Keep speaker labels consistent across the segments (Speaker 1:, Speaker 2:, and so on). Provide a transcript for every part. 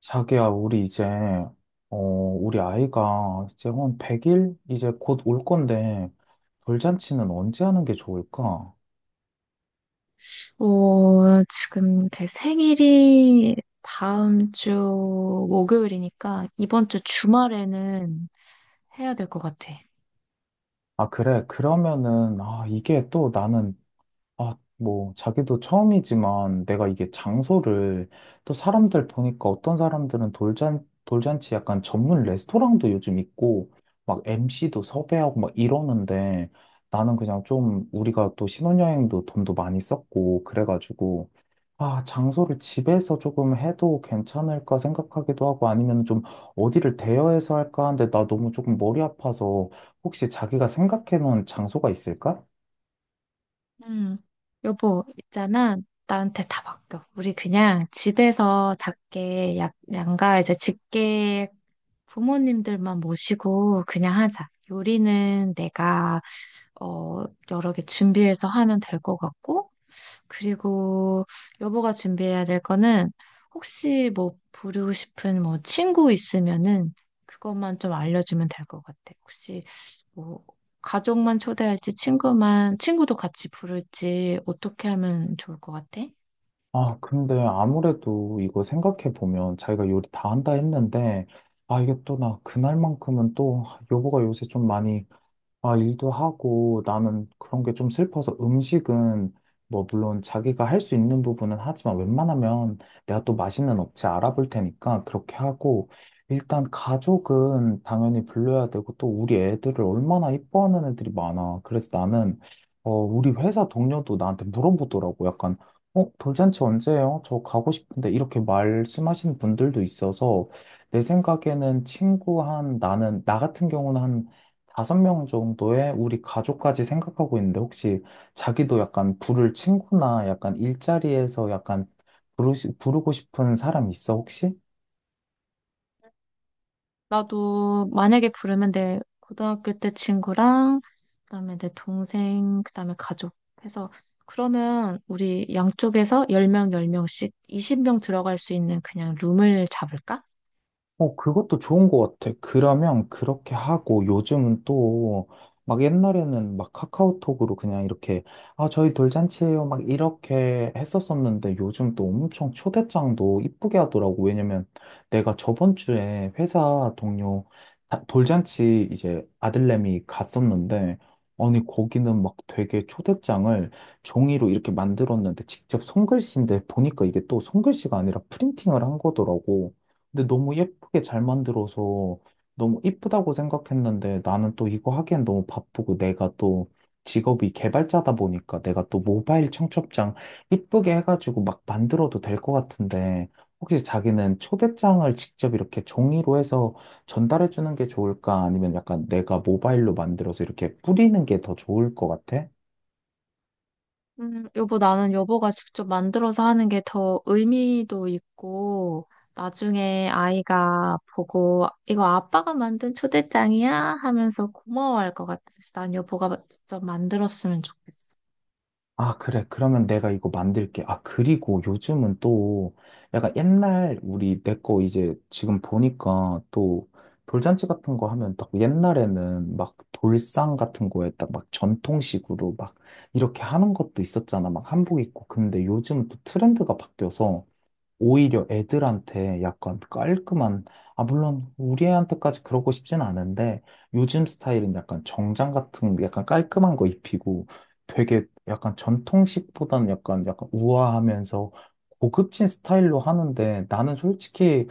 Speaker 1: 자기야, 우리 이제, 우리 아이가 이제 한 100일? 이제 곧 올 건데, 돌잔치는 언제 하는 게 좋을까?
Speaker 2: 어, 지금 제 생일이 다음 주 목요일이니까 이번 주 주말에는 해야 될 것 같아.
Speaker 1: 아, 그래. 그러면은, 아, 이게 또 나는, 아, 뭐, 자기도 처음이지만 내가 이게 장소를, 또 사람들 보니까 어떤 사람들은 돌잔치 약간 전문 레스토랑도 요즘 있고, 막 MC도 섭외하고 막 이러는데, 나는 그냥 좀 우리가 또 신혼여행도 돈도 많이 썼고, 그래가지고, 아, 장소를 집에서 조금 해도 괜찮을까 생각하기도 하고 아니면 좀 어디를 대여해서 할까 하는데 나 너무 조금 머리 아파서, 혹시 자기가 생각해 놓은 장소가 있을까?
Speaker 2: 음, 여보, 있잖아. 나한테 다 맡겨. 우리 그냥 집에서 작게 양가 이제 직계 부모님들만 모시고 그냥 하자. 요리는 내가 어, 여러 개 준비해서 하면 될 것 같고. 그리고 여보가 준비해야 될 거는 혹시 뭐 부르고 싶은 뭐 친구 있으면은 그것만 좀 알려주면 될 것 같아. 혹시 뭐 가족만 초대할지 친구만 친구도 같이 부를지 어떻게 하면 좋을 것 같아?
Speaker 1: 아, 근데 아무래도 이거 생각해 보면 자기가 요리 다 한다 했는데, 아, 이게 또 나 그날만큼은 또 여보가 요새 좀 많이, 아, 일도 하고 나는 그런 게 좀 슬퍼서 음식은 뭐 물론 자기가 할 수 있는 부분은 하지만 웬만하면 내가 또 맛있는 업체 알아볼 테니까 그렇게 하고, 일단 가족은 당연히 불러야 되고, 또 우리 애들을 얼마나 이뻐하는 애들이 많아. 그래서 나는, 우리 회사 동료도 나한테 물어보더라고. 약간, 돌잔치 언제예요? 저 가고 싶은데 이렇게 말씀하시는 분들도 있어서, 내 생각에는 친구 한 나는 나 같은 경우는 5명 정도의 우리 가족까지 생각하고 있는데, 혹시 자기도 약간 부를 친구나 약간 일자리에서 약간 부르고 싶은 사람 있어, 혹시?
Speaker 2: 나도 만약에 부르면 내 고등학교 때 친구랑 그다음에 내 동생 그다음에 가족 해서 그러면 우리 양쪽에서 10명 10명씩 20명 들어갈 수 있는 그냥 룸을 잡을까?
Speaker 1: 어, 그것도 좋은 것 같아. 그러면 그렇게 하고, 요즘은 또 막 옛날에는 막 카카오톡으로 그냥 이렇게, 아, 저희 돌잔치예요. 막 이렇게 했었었는데, 요즘 또 엄청 초대장도 이쁘게 하더라고. 왜냐면 내가 저번 주에 회사 동료 돌잔치 이제 아들내미 갔었는데, 아니 거기는 막 되게 초대장을 종이로 이렇게 만들었는데 직접 손글씨인데 보니까 이게 또 손글씨가 아니라 프린팅을 한 거더라고. 근데 너무 예쁘게 잘 만들어서 너무 이쁘다고 생각했는데, 나는 또 이거 하기엔 너무 바쁘고, 내가 또 직업이 개발자다 보니까 내가 또 모바일 청첩장 이쁘게 해가지고 막 만들어도 될 것 같은데, 혹시 자기는 초대장을 직접 이렇게 종이로 해서 전달해 주는 게 좋을까? 아니면 약간 내가 모바일로 만들어서 이렇게 뿌리는 게 더 좋을 것 같아?
Speaker 2: 여보, 나는 여보가 직접 만들어서 하는 게 더 의미도 있고, 나중에 아이가 보고, 이거 아빠가 만든 초대장이야? 하면서 고마워할 것 같아. 그래서 난 여보가 직접 만들었으면 좋겠어.
Speaker 1: 아, 그래. 그러면 내가 이거 만들게. 아, 그리고 요즘은 또 약간 옛날 우리 내 거 이제 지금 보니까, 또 돌잔치 같은 거 하면 딱 옛날에는 막 돌상 같은 거에 딱 막 전통식으로 막 이렇게 하는 것도 있었잖아. 막 한복 입고. 근데 요즘은 또 트렌드가 바뀌어서 오히려 애들한테 약간 깔끔한, 아, 물론 우리 애한테까지 그러고 싶진 않은데, 요즘 스타일은 약간 정장 같은 약간 깔끔한 거 입히고, 되게 약간 전통식보다는 약간 우아하면서 고급진 스타일로 하는데, 나는 솔직히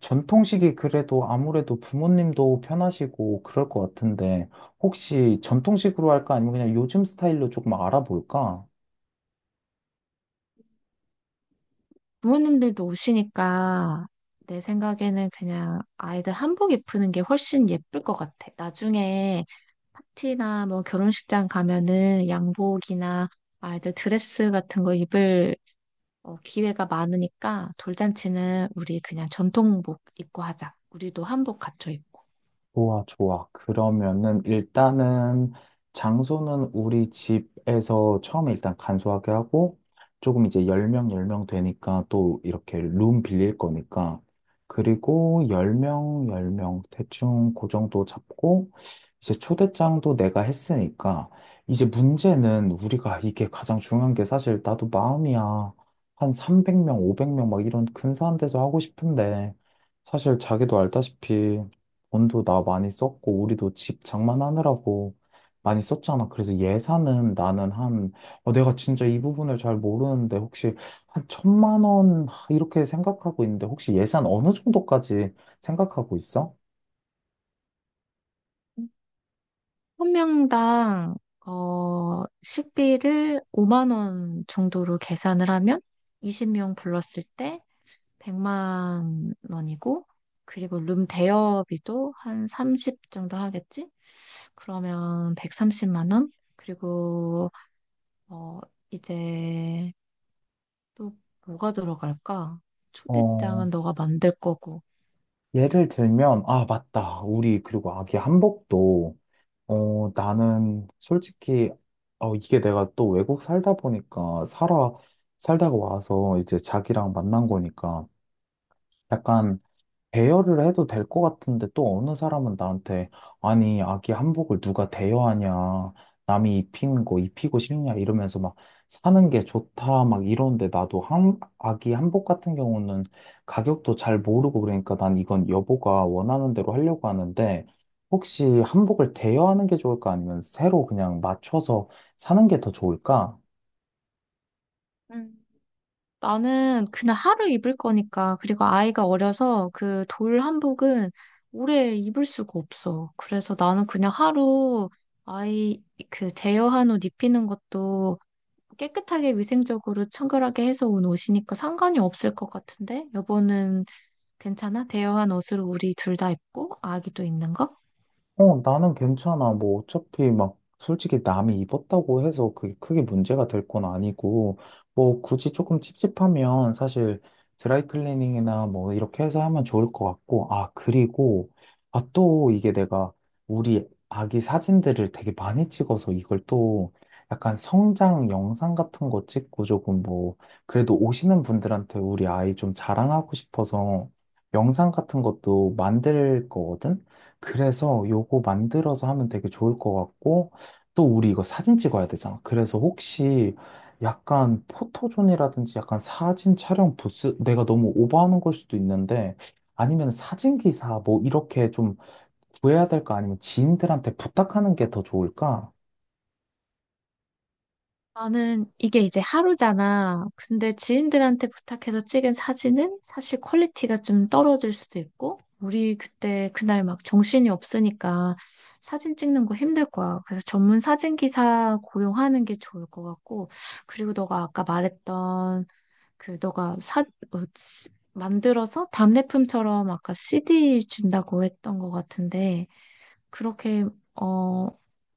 Speaker 1: 전통식이 그래도 아무래도 부모님도 편하시고 그럴 것 같은데, 혹시 전통식으로 할까? 아니면 그냥 요즘 스타일로 조금 알아볼까?
Speaker 2: 부모님들도 오시니까, 내 생각에는 그냥 아이들 한복 입히는 게 훨씬 예쁠 것 같아. 나중에 파티나 뭐 결혼식장 가면은 양복이나 아이들 드레스 같은 거 입을 기회가 많으니까 돌잔치는 우리 그냥 전통복 입고 하자. 우리도 한복 갖춰 입고.
Speaker 1: 좋아, 좋아. 그러면은 일단은 장소는 우리 집에서 처음에 일단 간소하게 하고, 조금 이제 10명, 10명 되니까 또 이렇게 룸 빌릴 거니까, 그리고 10명, 10명 대충 그 정도 잡고, 이제 초대장도 내가 했으니까, 이제 문제는 우리가 이게 가장 중요한 게, 사실 나도 마음이야. 한 300명, 500명 막 이런 근사한 데서 하고 싶은데, 사실 자기도 알다시피 돈도 나 많이 썼고, 우리도 집 장만하느라고 많이 썼잖아. 그래서 예산은 나는 한, 내가 진짜 이 부분을 잘 모르는데, 혹시 한 1,000만 원, 하, 이렇게 생각하고 있는데, 혹시 예산 어느 정도까지 생각하고 있어?
Speaker 2: 한 명당 식비를 5만 원 정도로 계산을 하면 20명 불렀을 때 100만 원이고, 그리고 룸 대여비도 한 30 정도 하겠지? 그러면 130만 원? 그리고 어, 이제 또 뭐가 들어갈까?
Speaker 1: 어,
Speaker 2: 초대장은 너가 만들 거고.
Speaker 1: 예를 들면, 아, 맞다. 우리, 그리고 아기 한복도, 나는 솔직히, 이게 내가 또 외국 살다 보니까, 살다가 와서 이제 자기랑 만난 거니까, 약간 대여를 해도 될 것 같은데, 또 어느 사람은 나한테 아니 아기 한복을 누가 대여하냐, 남이 입힌 거 입히고 싶냐 이러면서 막 사는 게 좋다 막 이러는데, 나도 한 아기 한복 같은 경우는 가격도 잘 모르고 그러니까 난 이건 여보가 원하는 대로 하려고 하는데, 혹시 한복을 대여하는 게 좋을까 아니면 새로 그냥 맞춰서 사는 게 더 좋을까?
Speaker 2: 음. 나는 그냥 하루 입을 거니까, 그리고 아이가 어려서 그 돌 한복은 오래 입을 수가 없어. 그래서 나는 그냥 하루 아이 그 대여한 옷 입히는 것도 깨끗하게 위생적으로 청결하게 해서 온 옷이니까 상관이 없을 것 같은데? 여보는 괜찮아? 대여한 옷으로 우리 둘 다 입고 아기도 입는 거?
Speaker 1: 어, 나는 괜찮아. 뭐, 어차피 막, 솔직히 남이 입었다고 해서 그게 크게 문제가 될 건 아니고, 뭐, 굳이 조금 찝찝하면 사실 드라이클리닝이나 뭐, 이렇게 해서 하면 좋을 것 같고. 아, 그리고, 아, 또 이게 내가 우리 아기 사진들을 되게 많이 찍어서 이걸 또 약간 성장 영상 같은 거 찍고 조금 뭐, 그래도 오시는 분들한테 우리 아이 좀 자랑하고 싶어서 영상 같은 것도 만들 거거든? 그래서 요거 만들어서 하면 되게 좋을 것 같고, 또 우리 이거 사진 찍어야 되잖아. 그래서 혹시 약간 포토존이라든지 약간 사진 촬영 부스, 내가 너무 오버하는 걸 수도 있는데, 아니면 사진기사 뭐 이렇게 좀 구해야 될까? 아니면 지인들한테 부탁하는 게 더 좋을까?
Speaker 2: 나는 이게 이제 하루잖아. 근데 지인들한테 부탁해서 찍은 사진은 사실 퀄리티가 좀 떨어질 수도 있고, 우리 그때 그날 막 정신이 없으니까 사진 찍는 거 힘들 거야. 그래서 전문 사진 기사 고용하는 게 좋을 것 같고, 그리고 너가 아까 말했던 그 너가 사, 어, 시- 만들어서 답례품처럼 아까 CD 준다고 했던 것 같은데, 그렇게 어,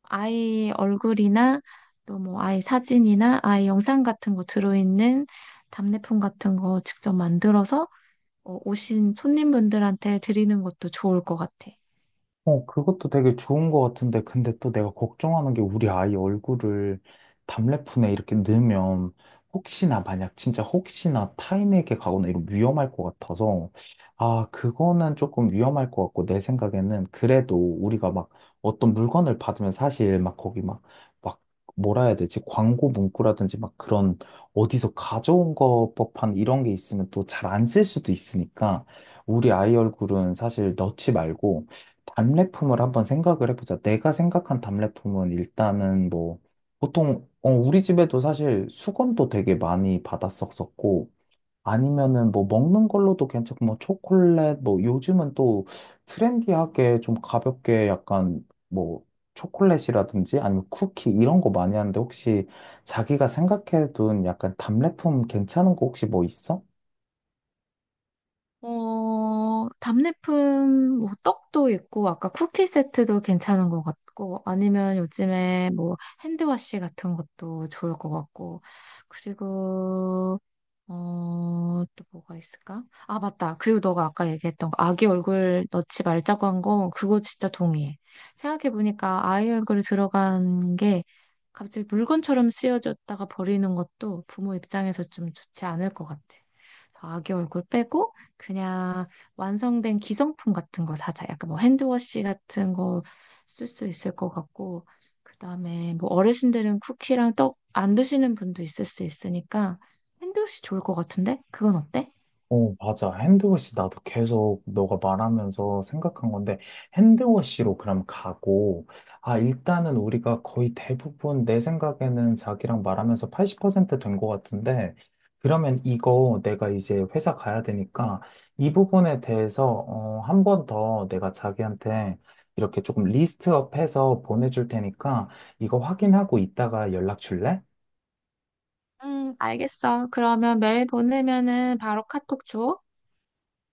Speaker 2: 아이 얼굴이나 또 뭐 아이 사진이나 아이 영상 같은 거 들어있는 답례품 같은 거 직접 만들어서 오신 손님분들한테 드리는 것도 좋을 것 같아.
Speaker 1: 어, 그것도 되게 좋은 것 같은데, 근데 또 내가 걱정하는 게 우리 아이 얼굴을 답례fun에 이렇게 넣으면 혹시나 만약 진짜 혹시나 타인에게 가거나 이런 위험할 것 같아서, 아, 그거는 조금 위험할 것 같고. 내 생각에는 그래도 우리가 막 어떤 물건을 받으면 사실 막 거기 막 뭐라 해야 되지? 광고 문구라든지 막 그런 어디서 가져온 것 법한 이런 게 있으면 또 잘 안 쓸 수도 있으니까, 우리 아이 얼굴은 사실 넣지 말고, 답례품을 한번 생각을 해보자. 내가 생각한 답례품은 일단은 뭐, 보통, 우리 집에도 사실 수건도 되게 많이 받았었었고, 아니면은 뭐 먹는 걸로도 괜찮고, 뭐 초콜릿, 뭐 요즘은 또 트렌디하게 좀 가볍게 약간 뭐 초콜릿이라든지 아니면 쿠키 이런 거 많이 하는데, 혹시 자기가 생각해둔 약간 답례품 괜찮은 거 혹시 뭐 있어?
Speaker 2: 답례품 뭐 떡도 있고 아까 쿠키 세트도 괜찮은 것 같고 아니면 요즘에 뭐 핸드워시 같은 것도 좋을 것 같고. 그리고 또 뭐가 있을까? 아, 맞다. 그리고 너가 아까 얘기했던 거, 아기 얼굴 넣지 말자고 한 거, 그거 진짜 동의해. 생각해보니까 아이 얼굴이 들어간 게 갑자기 물건처럼 쓰여졌다가 버리는 것도 부모 입장에서 좀 좋지 않을 것 같아. 그래서 아기 얼굴 빼고 그냥 완성된 기성품 같은 거 사자. 약간 뭐 핸드워시 같은 거 쓸 수 있을 것 같고, 그다음에 뭐 어르신들은 쿠키랑 떡 안 드시는 분도 있을 수 있으니까 핸드워시 좋을 것 같은데? 그건 어때?
Speaker 1: 어, 맞아. 핸드워시 나도 계속 너가 말하면서 생각한 건데, 핸드워시로 그럼 가고, 아, 일단은 우리가 거의 대부분 내 생각에는 자기랑 말하면서 80%된 것 같은데, 그러면 이거 내가 이제 회사 가야 되니까, 이 부분에 대해서, 한 번 더 내가 자기한테 이렇게 조금 리스트업 해서 보내줄 테니까, 이거 확인하고 이따가 연락 줄래?
Speaker 2: 알겠어. 그러면 메일 보내면은 바로 카톡 줘.